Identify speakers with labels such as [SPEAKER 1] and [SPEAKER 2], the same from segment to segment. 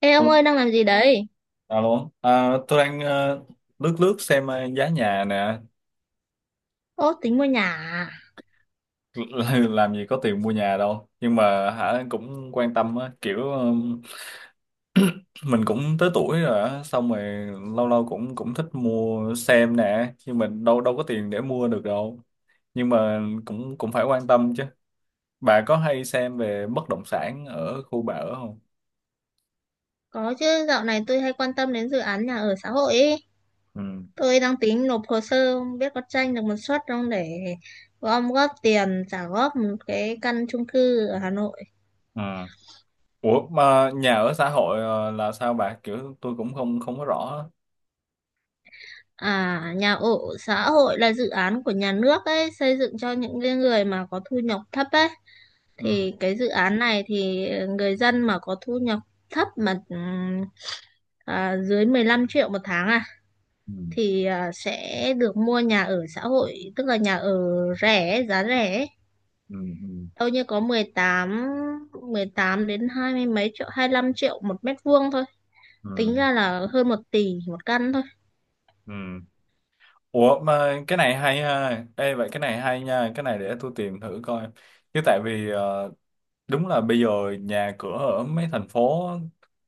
[SPEAKER 1] Ê ông
[SPEAKER 2] Ừ,
[SPEAKER 1] ơi đang làm gì đấy?
[SPEAKER 2] Alo, tôi đang lướt lướt xem giá nhà nè.
[SPEAKER 1] Ố tính mua nhà à?
[SPEAKER 2] Làm gì có tiền mua nhà đâu, nhưng mà cũng quan tâm á, kiểu mình cũng tới tuổi rồi á, xong rồi lâu lâu cũng cũng thích mua xem nè, nhưng mình đâu đâu có tiền để mua được đâu, nhưng mà cũng cũng phải quan tâm chứ. Bà có hay xem về bất động sản ở khu bà ở không?
[SPEAKER 1] Có chứ, dạo này tôi hay quan tâm đến dự án nhà ở xã hội ý.
[SPEAKER 2] Ừ.
[SPEAKER 1] Tôi đang tính nộp hồ sơ, không biết có tranh được một suất không để gom góp tiền trả góp một cái căn chung cư ở Hà Nội.
[SPEAKER 2] Ừ. Ủa mà nhà ở xã hội là sao bà? Kiểu tôi cũng không không có rõ á.
[SPEAKER 1] À, nhà ở xã hội là dự án của nhà nước ấy, xây dựng cho những cái người mà có thu nhập thấp ấy.
[SPEAKER 2] Ừ.
[SPEAKER 1] Thì cái dự án này thì người dân mà có thu nhập thấp mà dưới 15 triệu một tháng à,
[SPEAKER 2] Ừ.
[SPEAKER 1] thì sẽ được mua nhà ở xã hội, tức là nhà ở rẻ, giá rẻ ấy.
[SPEAKER 2] Ừ. Ừ.
[SPEAKER 1] Đâu như có mười tám đến hai mươi mấy triệu, 25 triệu một mét vuông thôi,
[SPEAKER 2] Ừ.
[SPEAKER 1] tính ra là hơn 1 tỷ một căn thôi.
[SPEAKER 2] Ừ. Ủa mà cái này hay ha. Ê, vậy cái này hay nha. Cái này để tôi tìm thử coi. Chứ tại vì đúng là bây giờ nhà cửa ở mấy thành phố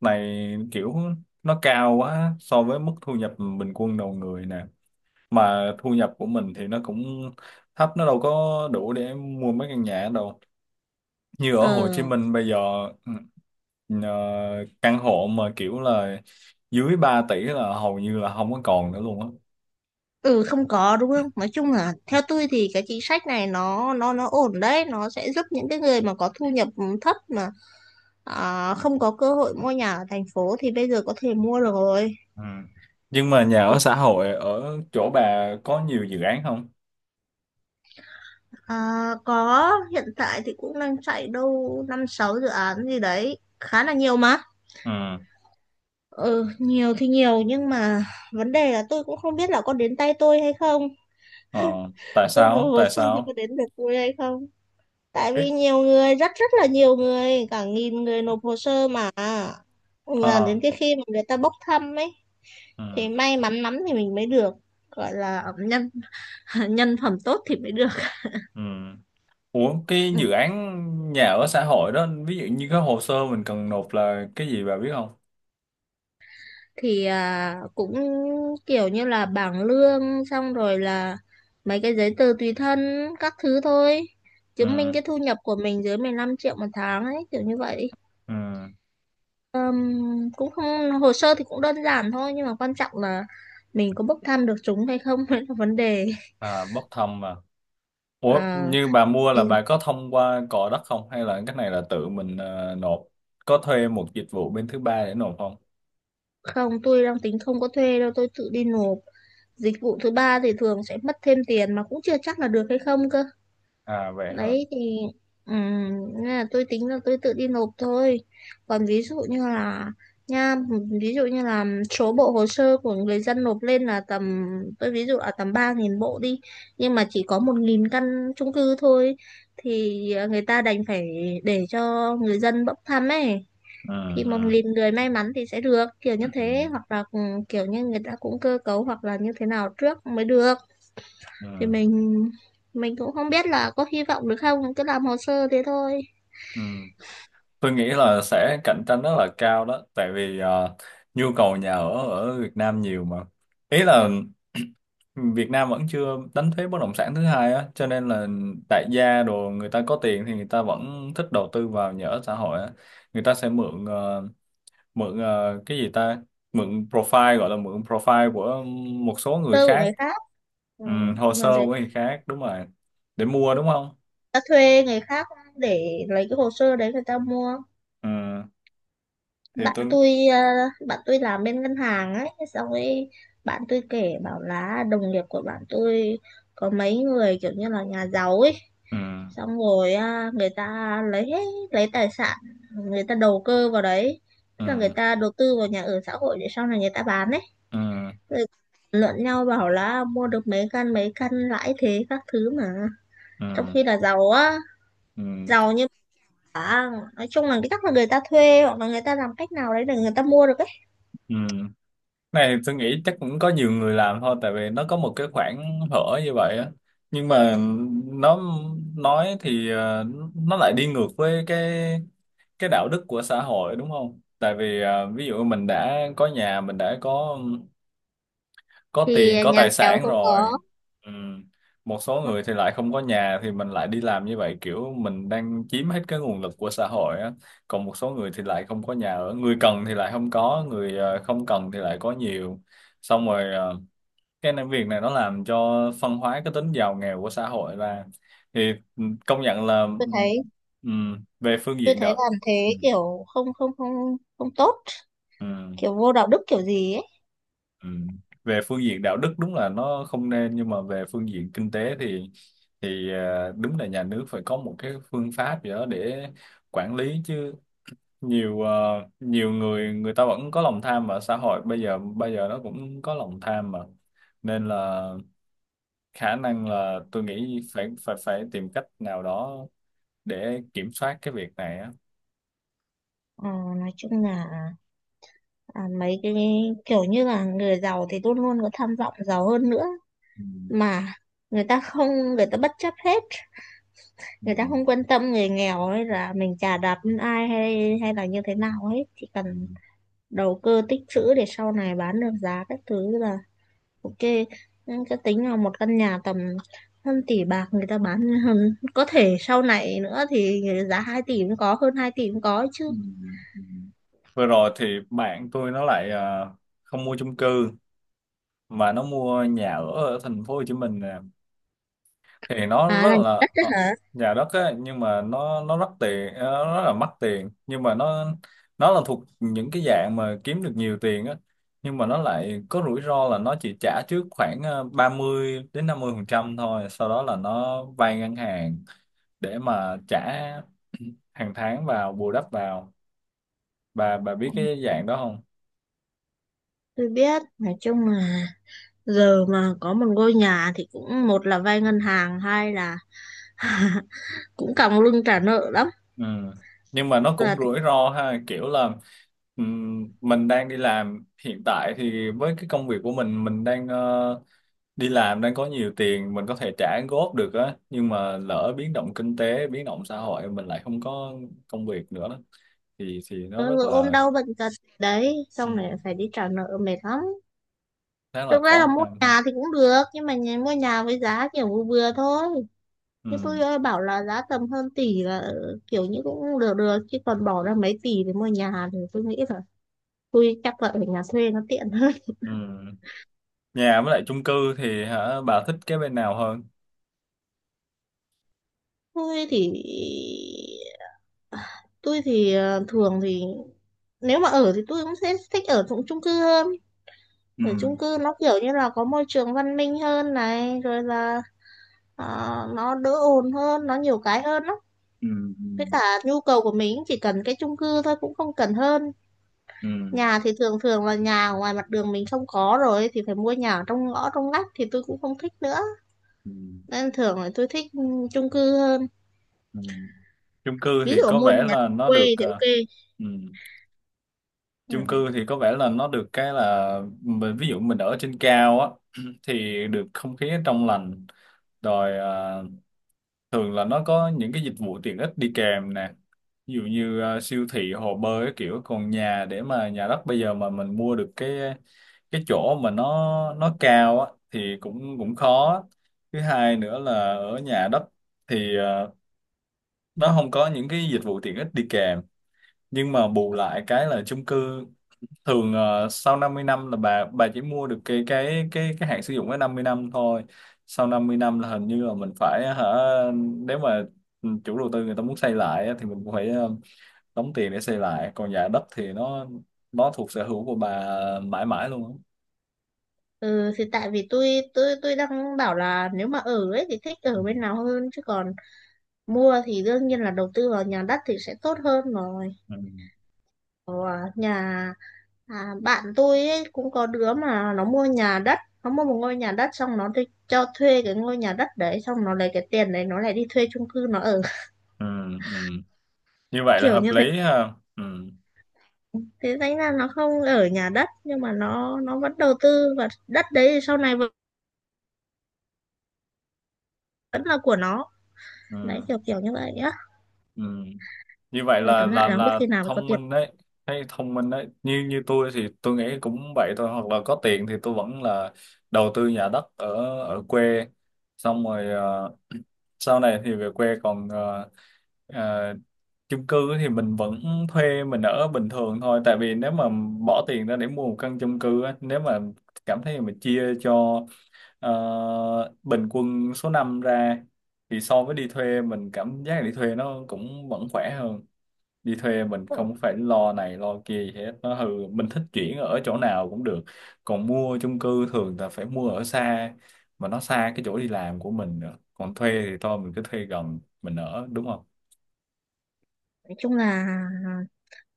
[SPEAKER 2] này kiểu nó cao quá so với mức thu nhập bình quân đầu người nè. Mà thu nhập của mình thì nó cũng thấp, nó đâu có đủ để mua mấy căn nhà đâu. Như ở Hồ Chí
[SPEAKER 1] Ờ,
[SPEAKER 2] Minh bây giờ ừ, ờ, căn hộ mà kiểu là dưới 3 tỷ là hầu như là không có còn nữa luôn á.
[SPEAKER 1] ừ, không có đúng không, nói chung là theo tôi thì cái chính sách này nó ổn đấy, nó sẽ giúp những cái người mà có thu nhập thấp mà không có cơ hội mua nhà ở thành phố thì bây giờ có thể mua được rồi.
[SPEAKER 2] Ừ. Nhưng mà nhà ở xã hội ở chỗ bà có nhiều dự án không?
[SPEAKER 1] À, có, hiện tại thì cũng đang chạy đâu năm sáu dự án gì đấy, khá là nhiều mà.
[SPEAKER 2] Ừ.
[SPEAKER 1] Ừ, nhiều thì nhiều nhưng mà vấn đề là tôi cũng không biết là có đến tay tôi hay không,
[SPEAKER 2] Ờ. Tại
[SPEAKER 1] tôi nộp
[SPEAKER 2] sao?
[SPEAKER 1] hồ
[SPEAKER 2] Tại
[SPEAKER 1] sơ thì có
[SPEAKER 2] sao?
[SPEAKER 1] đến được tôi hay không, tại vì
[SPEAKER 2] Ít.
[SPEAKER 1] nhiều người, rất rất là nhiều người, cả nghìn người nộp hồ sơ mà đến
[SPEAKER 2] Ờ.
[SPEAKER 1] cái khi mà người ta bốc thăm ấy
[SPEAKER 2] Ừ.
[SPEAKER 1] thì may mắn lắm thì mình mới được, gọi là nhân nhân phẩm tốt thì mới được.
[SPEAKER 2] Ừ. Ủa cái
[SPEAKER 1] Ừ.
[SPEAKER 2] dự án nhà ở xã hội đó ví dụ như cái hồ sơ mình cần nộp là cái gì, bà biết không?
[SPEAKER 1] Thì cũng kiểu như là bảng lương, xong rồi là mấy cái giấy tờ tùy thân các thứ thôi, chứng minh
[SPEAKER 2] Ừ.
[SPEAKER 1] cái thu nhập của mình dưới 15 triệu một tháng ấy, kiểu như vậy.
[SPEAKER 2] Ừ.
[SPEAKER 1] Ừm, Cũng không, hồ sơ thì cũng đơn giản thôi nhưng mà quan trọng là mình có bốc thăm được chúng hay không mới là vấn đề.
[SPEAKER 2] À, bốc thăm mà. Ủa
[SPEAKER 1] À,
[SPEAKER 2] như bà mua
[SPEAKER 1] thì
[SPEAKER 2] là bà có thông qua cò đất không, hay là cái này là tự mình nộp? Có thuê một dịch vụ bên thứ ba để nộp không?
[SPEAKER 1] Không, tôi đang tính không có thuê đâu, tôi tự đi nộp. Dịch vụ thứ ba thì thường sẽ mất thêm tiền mà cũng chưa chắc là được hay không cơ.
[SPEAKER 2] À, vậy hả?
[SPEAKER 1] Đấy thì ừm, nên là tôi tính là tôi tự đi nộp thôi. Còn ví dụ như là, nha ví dụ như là số bộ hồ sơ của người dân nộp lên là tầm, tôi ví dụ là tầm 3.000 bộ đi, nhưng mà chỉ có 1.000 căn chung cư thôi, thì người ta đành phải để cho người dân bốc thăm ấy,
[SPEAKER 2] Ừ.
[SPEAKER 1] thì một
[SPEAKER 2] Ừ.
[SPEAKER 1] nghìn người may mắn thì sẽ được, kiểu như
[SPEAKER 2] Ừ.
[SPEAKER 1] thế, hoặc là kiểu như người ta cũng cơ cấu hoặc là như thế nào trước mới được, thì
[SPEAKER 2] Ừ.
[SPEAKER 1] mình cũng không biết là có hy vọng được không, cứ làm hồ sơ thế thôi.
[SPEAKER 2] Ừ. Tôi nghĩ là sẽ cạnh tranh rất là cao đó, tại vì nhu cầu nhà ở ở Việt Nam nhiều mà. Ý là Việt Nam vẫn chưa đánh thuế bất động sản thứ hai á, cho nên là đại gia đồ người ta có tiền thì người ta vẫn thích đầu tư vào nhà ở xã hội á. Người ta sẽ mượn cái gì ta? Mượn profile, gọi là mượn profile của một số người
[SPEAKER 1] Cơ của
[SPEAKER 2] khác,
[SPEAKER 1] người khác. Ừ.
[SPEAKER 2] ừ, hồ
[SPEAKER 1] mình
[SPEAKER 2] sơ của
[SPEAKER 1] sẽ
[SPEAKER 2] người khác đúng rồi. Để mua đúng không?
[SPEAKER 1] ta thuê người khác để lấy cái hồ sơ đấy người ta mua.
[SPEAKER 2] Ừ, thì
[SPEAKER 1] bạn
[SPEAKER 2] tôi
[SPEAKER 1] tôi ờ, bạn tôi làm bên ngân hàng ấy, xong ấy bạn tôi kể bảo là đồng nghiệp của bạn tôi có mấy người kiểu như là nhà giàu ấy,
[SPEAKER 2] ừ,
[SPEAKER 1] xong rồi người ta lấy tài sản người ta đầu cơ vào đấy, tức là người
[SPEAKER 2] ừ,
[SPEAKER 1] ta đầu tư vào nhà ở xã hội để sau này người ta bán đấy.
[SPEAKER 2] ừ,
[SPEAKER 1] Rồi luận nhau bảo là mua được mấy căn, mấy căn lãi thế các thứ mà,
[SPEAKER 2] ừ,
[SPEAKER 1] trong khi là giàu á,
[SPEAKER 2] ừ.
[SPEAKER 1] giàu như bà. Nói chung là cái chắc là người ta thuê hoặc là người ta làm cách nào đấy để người ta mua được ấy.
[SPEAKER 2] Ừ, này tôi nghĩ chắc cũng có nhiều người làm thôi tại vì nó có một cái khoảng hở như vậy á, nhưng mà nó nói thì nó lại đi ngược với cái đạo đức của xã hội đúng không, tại vì ví dụ mình đã có nhà, mình đã có
[SPEAKER 1] Thì
[SPEAKER 2] tiền có
[SPEAKER 1] nhà
[SPEAKER 2] tài
[SPEAKER 1] nghèo
[SPEAKER 2] sản
[SPEAKER 1] không
[SPEAKER 2] rồi.
[SPEAKER 1] có.
[SPEAKER 2] Ừ, một số người thì lại không có nhà thì mình lại đi làm như vậy, kiểu mình đang chiếm hết cái nguồn lực của xã hội á, còn một số người thì lại không có nhà ở, người cần thì lại không có, người không cần thì lại có nhiều, xong rồi việc này nó làm cho phân hóa cái tính giàu nghèo của xã hội ra. Thì ừ, công nhận là ừ,
[SPEAKER 1] tôi thấy
[SPEAKER 2] ừ, về phương
[SPEAKER 1] tôi
[SPEAKER 2] diện
[SPEAKER 1] thấy
[SPEAKER 2] đạo.
[SPEAKER 1] làm
[SPEAKER 2] Ừ.
[SPEAKER 1] thế kiểu không không không không tốt,
[SPEAKER 2] Ừ.
[SPEAKER 1] kiểu vô đạo đức kiểu gì ấy.
[SPEAKER 2] Ừ. Về phương diện đạo đức đúng là nó không nên, nhưng mà về phương diện kinh tế thì đúng là nhà nước phải có một cái phương pháp gì đó để quản lý chứ. Nhiều nhiều người người ta vẫn có lòng tham, mà xã hội bây giờ nó cũng có lòng tham mà, nên là khả năng là tôi nghĩ phải phải phải tìm cách nào đó để kiểm soát cái việc này á.
[SPEAKER 1] Ờ, nói chung là mấy cái kiểu như là người giàu thì luôn luôn có tham vọng giàu hơn nữa,
[SPEAKER 2] Ừ.
[SPEAKER 1] mà người ta không, người ta bất chấp hết,
[SPEAKER 2] Ừ.
[SPEAKER 1] người ta không quan tâm người nghèo ấy, là mình chà đạp lên ai hay hay là như thế nào ấy, chỉ
[SPEAKER 2] Ừ.
[SPEAKER 1] cần đầu cơ tích trữ để sau này bán được giá các thứ là ok. Nhưng cái tính là một căn nhà tầm hơn tỷ bạc, người ta bán hơn có thể, sau này nữa thì giá 2 tỷ cũng có, hơn 2 tỷ cũng có chứ.
[SPEAKER 2] Ừ. Ừ. Vừa rồi thì bạn tôi nó lại không mua chung cư mà nó mua nhà ở ở thành phố Hồ Chí Minh nè, thì nó
[SPEAKER 1] À,
[SPEAKER 2] rất
[SPEAKER 1] là nhà
[SPEAKER 2] là
[SPEAKER 1] đất đấy hả.
[SPEAKER 2] nhà đất á, nhưng mà nó nó rất là mắc tiền, nhưng mà nó là thuộc những cái dạng mà kiếm được nhiều tiền á, nhưng mà nó lại có rủi ro là nó chỉ trả trước khoảng 30 đến 50% thôi, sau đó là nó vay ngân hàng để mà trả hàng tháng vào, bù đắp vào. Bà biết cái dạng đó không?
[SPEAKER 1] Tôi biết. Nói chung là giờ mà có một ngôi nhà thì cũng, một là vay ngân hàng, hai là cũng còng lưng trả nợ lắm.
[SPEAKER 2] Ừ. Nhưng mà nó cũng
[SPEAKER 1] là
[SPEAKER 2] rủi ro ha, kiểu là mình đang đi làm hiện tại thì với cái công việc của mình đang đi làm, đang có nhiều tiền, mình có thể trả góp được á, nhưng mà lỡ biến động kinh tế, biến động xã hội, mình lại không có công việc nữa đó. Thì nó
[SPEAKER 1] Ờ,
[SPEAKER 2] rất
[SPEAKER 1] Rồi ôm
[SPEAKER 2] là
[SPEAKER 1] đau bệnh tật đấy, xong lại
[SPEAKER 2] ừm,
[SPEAKER 1] phải đi trả nợ, mệt lắm.
[SPEAKER 2] khá là
[SPEAKER 1] Thực ra là
[SPEAKER 2] khó
[SPEAKER 1] mua
[SPEAKER 2] khăn ha.
[SPEAKER 1] nhà thì cũng được, nhưng mà mua nhà với giá kiểu vừa vừa thôi. Nhưng tôi
[SPEAKER 2] Ừ.
[SPEAKER 1] ơi, bảo là giá tầm hơn tỷ là kiểu như cũng được được chứ, còn bỏ ra mấy tỷ để mua nhà thì tôi nghĩ là tôi chắc là ở nhà thuê nó tiện hơn.
[SPEAKER 2] Ừ. Nhà với lại chung cư thì bà thích cái bên nào hơn?
[SPEAKER 1] tôi thì tôi thì thường thì nếu mà ở thì tôi cũng sẽ thích ở trong chung cư hơn.
[SPEAKER 2] Ừ.
[SPEAKER 1] Ở chung cư nó kiểu như là có môi trường văn minh hơn này, rồi là Ờ, nó đỡ ồn hơn, nó nhiều cái hơn lắm.
[SPEAKER 2] Ừ.
[SPEAKER 1] Với cả nhu cầu của mình chỉ cần cái chung cư thôi, cũng không cần hơn.
[SPEAKER 2] Ừ.
[SPEAKER 1] Nhà thì thường thường là nhà ở ngoài mặt đường mình không có, rồi thì phải mua nhà ở trong ngõ, trong ngách, thì tôi cũng không thích nữa,
[SPEAKER 2] Ừ. Ừ.
[SPEAKER 1] nên thường là tôi thích chung cư hơn.
[SPEAKER 2] Ừ. Chung cư
[SPEAKER 1] Ví
[SPEAKER 2] thì
[SPEAKER 1] dụ
[SPEAKER 2] có
[SPEAKER 1] mua
[SPEAKER 2] vẻ
[SPEAKER 1] nhà
[SPEAKER 2] là nó
[SPEAKER 1] quê
[SPEAKER 2] được
[SPEAKER 1] thì ok.
[SPEAKER 2] ừ,
[SPEAKER 1] Ừ.
[SPEAKER 2] chung cư thì có vẻ là nó được cái là mình, ví dụ mình ở trên cao á, thì được không khí trong lành, rồi thường là nó có những cái dịch vụ tiện ích đi kèm nè, ví dụ như siêu thị, hồ bơi, cái kiểu. Còn nhà, để mà nhà đất bây giờ mà mình mua được cái chỗ mà nó cao á thì cũng cũng khó. Thứ hai nữa là ở nhà đất thì nó không có những cái dịch vụ tiện ích đi kèm, nhưng mà bù lại cái là chung cư thường sau 50 năm là bà chỉ mua được cái hạn sử dụng cái 50 năm thôi. Sau 50 năm là hình như là mình phải hả, nếu mà ừ, chủ đầu tư người ta muốn xây lại á, thì mình cũng phải đóng tiền để xây lại. Còn nhà đất thì nó thuộc sở hữu của bà mãi mãi luôn á.
[SPEAKER 1] Ừ thì tại vì tôi đang bảo là nếu mà ở ấy thì thích
[SPEAKER 2] Ừ.
[SPEAKER 1] ở bên nào hơn, chứ còn mua thì đương nhiên là đầu tư vào nhà đất thì sẽ tốt hơn rồi.
[SPEAKER 2] Ừ.
[SPEAKER 1] nhà À, bạn tôi ấy, cũng có đứa mà nó mua nhà đất, nó mua một ngôi nhà đất xong nó đi cho thuê cái ngôi nhà đất đấy, xong nó lấy cái tiền đấy nó lại đi thuê chung cư nó ở.
[SPEAKER 2] Ừ. Ừ. Như vậy là
[SPEAKER 1] Kiểu
[SPEAKER 2] hợp
[SPEAKER 1] như thế
[SPEAKER 2] lý ha. Ừ.
[SPEAKER 1] thế thành ra nó không ở nhà đất, nhưng mà nó vẫn đầu tư và đất đấy thì sau này vẫn vẫn là của nó. Đấy,
[SPEAKER 2] Ừ.
[SPEAKER 1] kiểu kiểu như vậy á.
[SPEAKER 2] Ừ. Như vậy
[SPEAKER 1] Rồi tóm lại là không biết
[SPEAKER 2] là
[SPEAKER 1] khi nào mới có
[SPEAKER 2] thông
[SPEAKER 1] tiền.
[SPEAKER 2] minh đấy. Thấy thông minh đấy, như như tôi thì tôi nghĩ cũng vậy thôi, hoặc là có tiền thì tôi vẫn là đầu tư nhà đất ở ở quê, xong rồi sau này thì về quê. Còn ờ, chung cư thì mình vẫn thuê mình ở bình thường thôi, tại vì nếu mà bỏ tiền ra để mua một căn chung cư á, nếu mà cảm thấy mình chia cho ờ, bình quân số năm ra thì so với đi thuê, mình cảm giác đi thuê nó cũng vẫn khỏe hơn. Đi thuê mình không phải lo này lo kia gì hết, nó hư mình thích chuyển ở chỗ nào cũng được, còn mua chung cư thường là phải mua ở xa, mà nó xa cái chỗ đi làm của mình nữa, còn thuê thì thôi mình cứ thuê gần mình ở, đúng không?
[SPEAKER 1] Nói chung là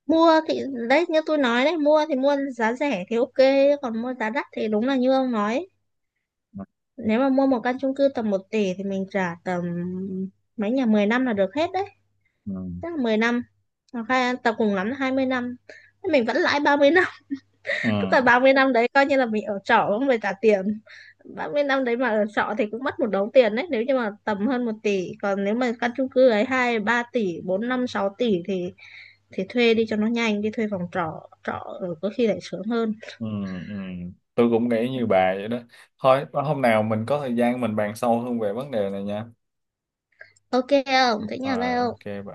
[SPEAKER 1] mua thì, đấy như tôi nói đấy, mua thì mua giá rẻ thì ok, còn mua giá đắt thì đúng là như ông nói. Nếu mà mua một căn chung cư tầm 1 tỷ thì mình trả tầm mấy nhà 10 năm là được hết đấy.
[SPEAKER 2] Ừ.
[SPEAKER 1] Tức là 10 năm. Hoặc là tầm cùng lắm là 20 năm. Mình vẫn lãi 30 năm.
[SPEAKER 2] Ừ.
[SPEAKER 1] Tức là 30 năm đấy coi như là mình ở trọ không phải trả tiền. 30 năm đấy mà ở trọ thì cũng mất một đống tiền đấy, nếu như mà tầm hơn 1 tỷ. Còn nếu mà căn chung cư ấy 2 3 tỷ, 4 5 6 tỷ thì thuê đi cho nó nhanh. Đi thuê phòng trọ. Trọ ở có khi lại sướng hơn.
[SPEAKER 2] Ừ. Ừ. Tôi cũng nghĩ như bà vậy đó. Thôi hôm nào mình có thời gian mình bàn sâu hơn về vấn đề này nha.
[SPEAKER 1] Ok không? Thế nhà
[SPEAKER 2] Rồi,
[SPEAKER 1] bao?
[SPEAKER 2] ok bà.